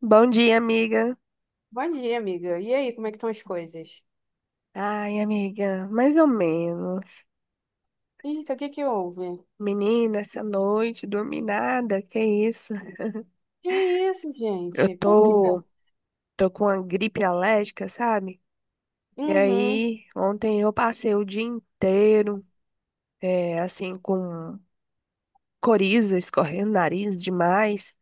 Bom dia, amiga. Bom dia, amiga. E aí, como é que estão as coisas? Ai, amiga, mais ou menos. Eita, o que que houve? Menina, essa noite, dormi nada, que isso? Que isso, Eu gente? Por quê? tô, tô com uma gripe alérgica, sabe? E Uhum, aí, ontem eu passei o dia inteiro, é, assim, com coriza escorrendo, o nariz demais,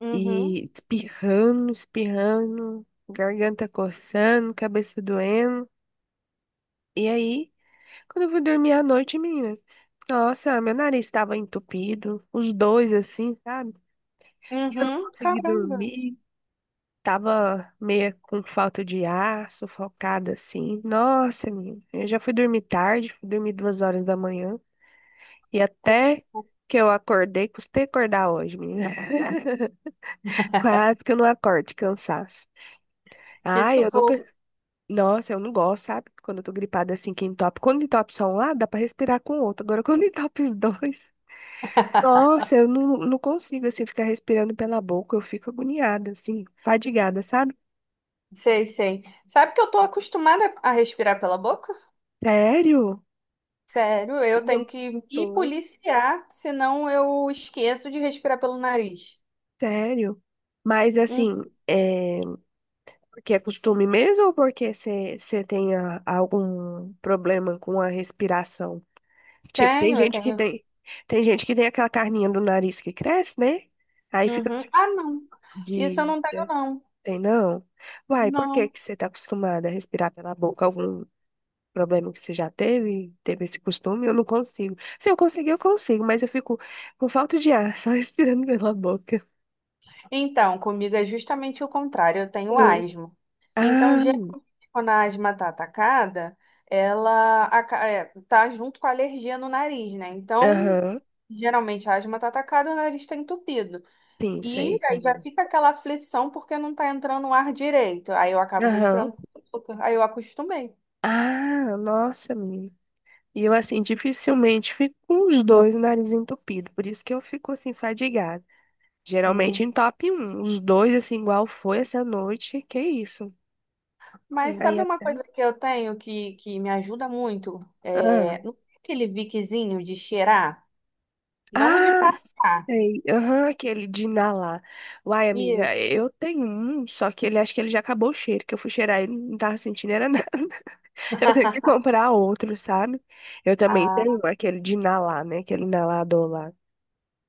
uhum, e espirrando, espirrando, garganta coçando, cabeça doendo. E aí, quando eu fui dormir à noite, menina, nossa, meu nariz estava entupido, os dois assim, sabe? Eu não uhum. consegui Caramba. dormir, tava meio com falta de ar, sufocada assim. Nossa, menina, eu já fui dormir tarde, fui dormir 2 horas da manhã e Que até sufoco. que eu acordei, custei acordar hoje, menina. Quase que eu não acordo de cansaço. Que Ai, eu nunca. sufoco. Nossa, eu não gosto, sabe? Quando eu tô gripada assim, que entope. Quando entope só um lado, dá pra respirar com o outro. Agora, quando entope os dois. Nossa, eu não consigo, assim, ficar respirando pela boca. Eu fico agoniada, assim, fadigada, sabe? Sei, sei. Sabe que eu tô acostumada a respirar pela boca? Sério? Sério, eu E eu tenho que me tô, policiar, senão eu esqueço de respirar pelo nariz. sério. Mas, Hum, assim, é... Porque é costume mesmo ou porque você tem algum problema com a respiração? Tipo, tem tenho, eu gente que tenho. tem... Tem gente que tem aquela carninha do nariz que cresce, né? Aí fica Uhum. Ah, não. Isso eu de... não tenho, não. Tem não? Uai, por que Não. que você tá acostumada a respirar pela boca? Algum problema que você já teve, teve esse costume, eu não consigo. Se eu conseguir, eu consigo, mas eu fico com falta de ar, só respirando pela boca. Então, comigo é justamente o contrário, eu tenho Ah, asma. Então, ah, geralmente, quando a asma tá atacada, ela tá junto com a alergia no nariz, né? Então, aham, geralmente a asma tá atacada, o nariz tá entupido. sim, E sei. aí já fica aquela aflição porque não tá entrando o ar direito. Aí eu É. acabo Aham. respirando pouco, aí eu acostumei. Ah, nossa, menina. E eu, assim, dificilmente fico com os dois nariz entupido, por isso que eu fico, assim, fadigada. Geralmente Hum. em top um os dois, assim, igual foi essa noite, que isso. E Mas aí sabe uma até... coisa que eu tenho que me ajuda muito? ah. É, não tem aquele viquezinho de cheirar, não o de Ah, passar. sei. Aham, aquele de inalar. Uai, amiga, eu tenho um, só que ele acho que ele já acabou o cheiro, que eu fui cheirar e não tava sentindo era nada. Eu tenho que comprar outro, sabe? Eu também tenho Ah, um, aquele de inalar, né? Aquele inalador lá.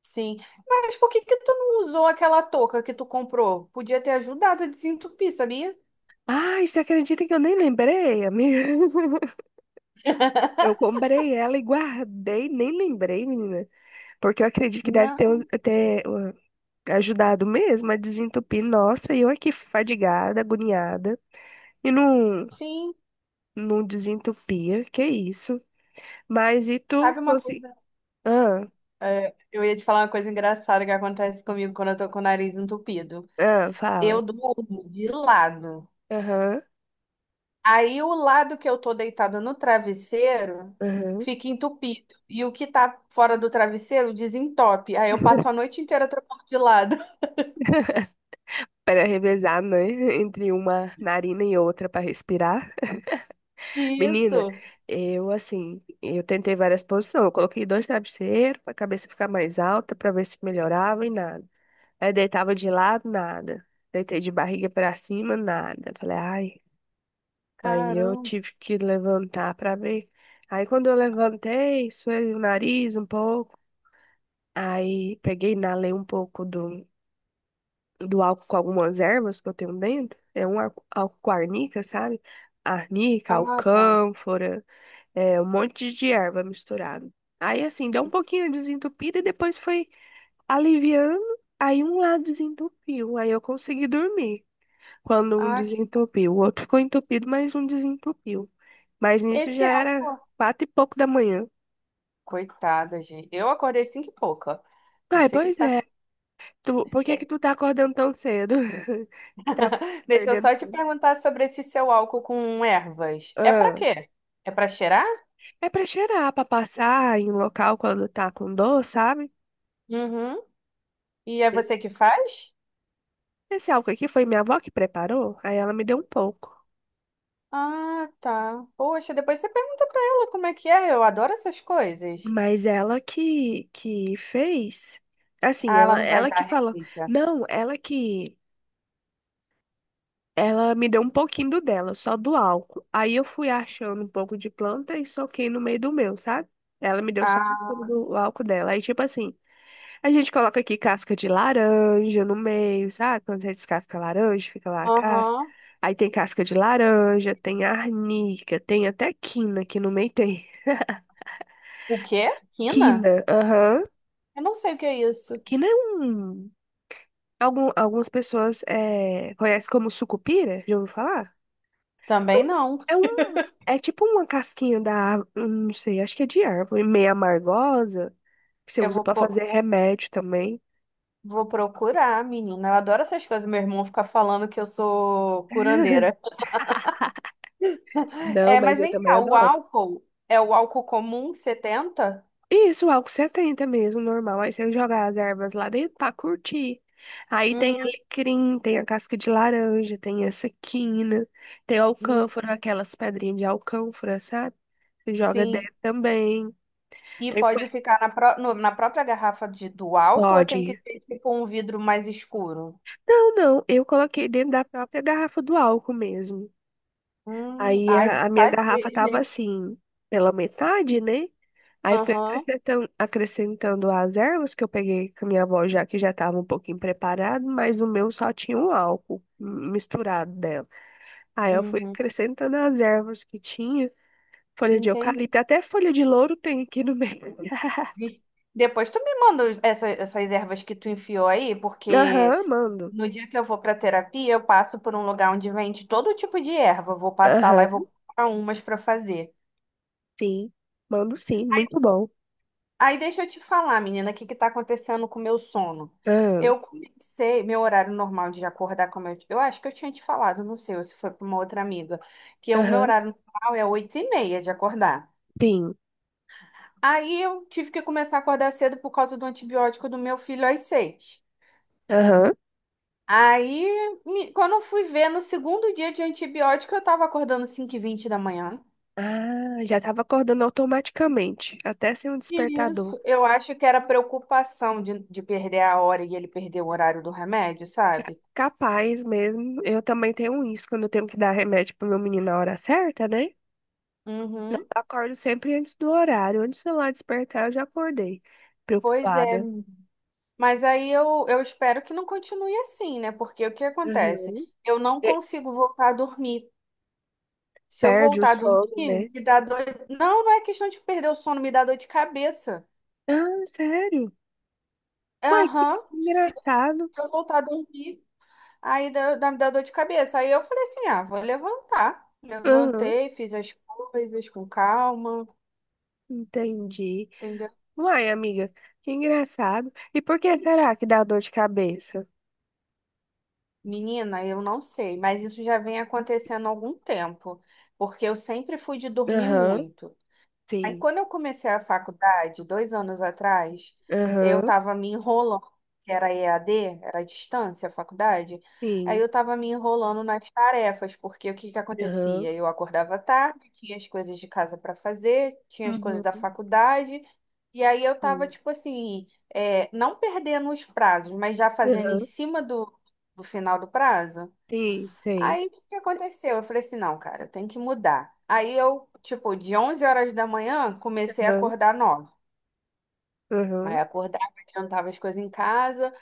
sim. Mas por que que tu não usou aquela touca que tu comprou? Podia ter ajudado a desentupir, sabia? Ai, você acredita que eu nem lembrei, amiga? Eu comprei ela e guardei, nem lembrei, menina. Porque eu acredito que deve Não, ter ajudado mesmo a desentupir. Nossa, e eu aqui fadigada, agoniada. E não. sim. Não desentupia, que isso. Mas e tu Sabe uma consegui... coisa? Ah, Eu ia te falar uma coisa engraçada que acontece comigo quando eu tô com o nariz entupido. ah, fala. Eu durmo de lado. Aham, Aí o lado que eu tô deitada no travesseiro aham. fica entupido. E o que tá fora do travesseiro desentope. Aí eu passo a noite inteira trocando de lado. Para revezar, né? Entre uma narina e outra para respirar. Menina, Isso. eu assim, eu tentei várias posições. Eu coloquei dois travesseiros para a cabeça ficar mais alta, para ver se melhorava e nada. Aí deitava de lado, nada. Deitei de barriga para cima, nada. Falei, ai. Aí eu Caramba. tive que levantar para ver. Aí quando eu levantei, suei o nariz um pouco. Aí peguei e inalei um pouco do álcool com algumas ervas que eu tenho dentro. É um álcool com arnica, sabe? Arnica, Ah, tá. alcânfora, é, um monte de erva misturado. Aí assim, deu um pouquinho desentupida e depois foi aliviando. Aí um lado desentupiu, aí eu consegui dormir. Quando um Ah, desentupiu, o outro ficou entupido, mas um desentupiu. Mas nisso esse já era álcool. 4 e pouco da manhã. Coitada, gente. Eu acordei cinco e pouca. Não Ai, sei o que pois tá. é. Tu, por que que É, tu tá acordando tão cedo? Que tá deixa eu perdendo só te sono. perguntar sobre esse seu álcool com ervas. É pra Ah, quê? É pra cheirar? é pra cheirar, pra passar em um local quando tá com dor, sabe? Uhum. E é você que faz? Esse álcool aqui foi minha avó que preparou, aí ela me deu um pouco. Ah, tá. Poxa, depois você pergunta pra ela como é que é. Eu adoro essas coisas. Mas ela que fez, assim, Ah, ela ela, não vai ela dar que falou, receita. não, ela me deu um pouquinho do dela, só do álcool. Aí eu fui achando um pouco de planta e soquei no meio do meu, sabe? Ela me deu só um Ah, pouco do álcool dela. Aí, tipo assim, a gente coloca aqui casca de laranja no meio, sabe? Quando você descasca a laranja, fica lá a casca. aham. Aí tem casca de laranja, tem arnica, tem até quina, que no meio tem. O quê? Quina? Quina, aham. Eu não sei o que é isso. Quina é um. Algumas pessoas conhecem como sucupira, já ouviu falar? Também não. É um. É tipo uma casquinha da árvore, não sei, acho que é de árvore, meio amargosa, que você Eu usa vou. pra po- fazer remédio também. Vou procurar, menina. Eu adoro essas coisas. Meu irmão fica falando que eu sou curandeira. Não, É, mas mas eu vem também cá, o adoro. álcool é o álcool comum 70? Isso, álcool 70 mesmo, normal. Aí você joga as ervas lá dentro pra curtir. Aí tem Hum, alecrim, tem a casca de laranja, tem essa quina, tem hum, alcânfora, aquelas pedrinhas de alcânfora, sabe? Você joga sim. dentro também. E Tem folha pode de ficar na, pró- no- na própria garrafa do álcool ou tem que bode. ter tipo um vidro mais escuro? Não, não, eu coloquei dentro da própria garrafa do álcool mesmo. Aí Ai, vou a minha fazer, garrafa tava gente. assim, pela metade, né? Aí fui Aham, acrescentando, acrescentando as ervas que eu peguei com a minha avó, já que já estava um pouquinho preparado, mas o meu só tinha um álcool misturado dela. Aí eu fui uhum, acrescentando as ervas que tinha, folha de entendi. eucalipto, até folha de louro tem aqui no meio. Depois tu me manda essas ervas que tu enfiou aí, porque Aham, mando. no dia que eu vou para terapia, eu passo por um lugar onde vende todo tipo de erva. Vou passar lá e vou Aham, comprar umas para fazer. sim. Mando sim, muito bom. Aí deixa eu te falar, menina, o que que tá acontecendo com o meu sono? Aham, Meu horário normal de acordar, como eu acho que eu tinha te falado, não sei, ou se foi para uma outra amiga, que o meu aham, horário normal é 8:30 de acordar. sim. Aí eu tive que começar a acordar cedo por causa do antibiótico do meu filho às 6. Aham. Aí, quando eu fui ver, no segundo dia de antibiótico, eu tava acordando 5:20 da manhã. Ah, já estava acordando automaticamente, até sem um despertador. Isso, eu acho que era preocupação de perder a hora e ele perder o horário do remédio, sabe? Capaz mesmo. Eu também tenho isso, quando eu tenho que dar remédio pro meu menino na hora certa, né? Eu Uhum. acordo sempre antes do horário. Antes do lá despertar, eu já acordei. Pois é, Preocupada. mas aí eu espero que não continue assim, né? Porque o que acontece? Uhum. Eu não E consigo voltar a dormir. Se eu perde o voltar a sono, né? dormir, me dá dor. Não, não é questão de perder o sono, me dá dor de cabeça. Ah, sério? Uai, que Aham. Se engraçado. se eu voltar a dormir, aí me dá dor de cabeça. Aí eu falei assim: ah, vou levantar. Aham, Levantei, fiz as coisas com calma. entendi. Entendeu? Uai, amiga, que engraçado. E por que será que dá dor de cabeça? Menina, eu não sei, mas isso já vem acontecendo há algum tempo, porque eu sempre fui de dormir Aham, muito. Aí, sim. quando eu comecei a faculdade, 2 anos atrás, eu Aham, estava me enrolando, que era EAD, era à distância, a faculdade. Aí sim. eu estava me enrolando nas tarefas, porque o que que Aham, acontecia? Eu acordava tarde, tinha as coisas de casa para fazer, tinha as coisas da uhum, faculdade, e aí eu estava, sim. tipo assim, é, não perdendo os prazos, mas já fazendo em Aham, cima do final do prazo. sim, sei. Aí, o que que aconteceu? Eu falei assim, não, cara, eu tenho que mudar. Aí eu, tipo, de 11 horas da manhã, comecei a Aham, acordar 9. Aí aham, acordava, adiantava as coisas em casa.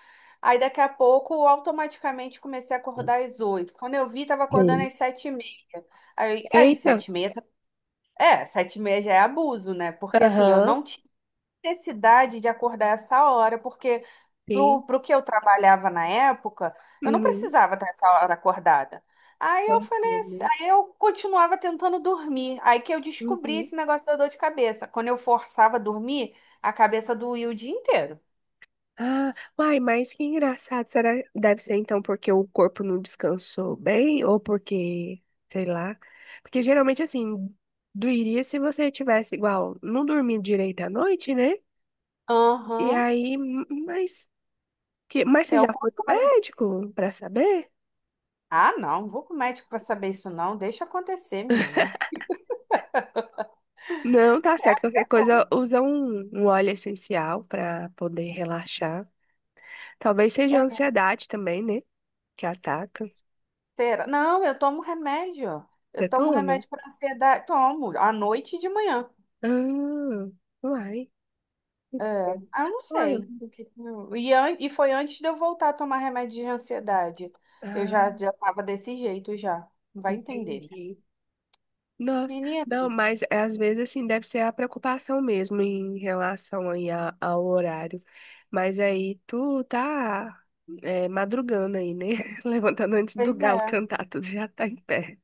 Aí daqui a pouco, eu automaticamente, comecei a acordar às 8. Quando eu vi, tava acordando sim. às 7:30. Aí Eita, 7 e meia, 7:30 já é abuso, né? Porque assim, eu aham, não tinha necessidade de acordar essa hora, porque pro, sim, pro que eu trabalhava na época, eu não uhum. precisava estar essa hora acordada. Aí eu Vamos falei ver, assim, né? aí eu continuava tentando dormir. Aí que eu descobri Uhum. esse negócio da dor de cabeça. Quando eu forçava a dormir, a cabeça doía o dia inteiro. Ah, uai, mas que engraçado. Será deve ser então porque o corpo não descansou bem ou porque, sei lá. Porque geralmente assim, doeria se você tivesse igual, não dormindo direito à noite, né? E Aham, aí, mas que, mas você é já o foi pro contrário. médico pra saber? Ah, não, não vou com o médico para saber isso, não. Deixa acontecer, menina. Não, tá certo. Qualquer É bom. coisa, usa um óleo essencial pra poder relaxar. Talvez seja a É, ansiedade também, né? Que ataca. será? Não, eu tomo remédio. Eu Você tomo toma? remédio para ansiedade. Tomo, à noite e de manhã. Ah, uai. Que É, estranho. ah, eu não Uai, sei. eu- O que que eu- E foi antes de eu voltar a tomar remédio de ansiedade. Eu ah, já tava desse jeito já. Vai entender, né? entendi. Nossa, Menina, não, mas é, às vezes assim deve ser a preocupação mesmo em relação aí ao horário. Mas aí tu tá é, madrugando aí, né? Levantando antes do pois galo é. cantar, tu já tá em pé.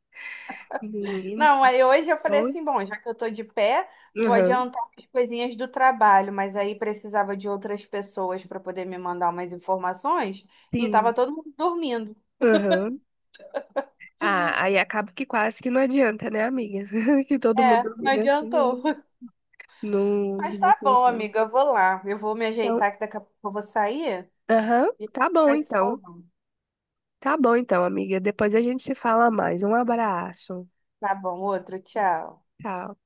Menino, Não, aí hoje eu falei bom. assim, bom, já que eu tô de pé, vou Aham, adiantar as coisinhas do trabalho, mas aí precisava de outras pessoas para poder me mandar umas informações e tava sim. todo mundo dormindo. Aham. Ah, aí acaba que quase que não adianta, né, amiga? Que todo É, mundo não né, assim, adiantou. né? Não, Mas não tá bom, funciona. amiga, eu vou lá. Eu vou me Então, ajeitar que daqui a pouco eu vou sair aham, e tá bom vai se então. falando. Tá bom então, amiga. Depois a gente se fala mais. Um abraço. Tá bom, outro, tchau. Tchau.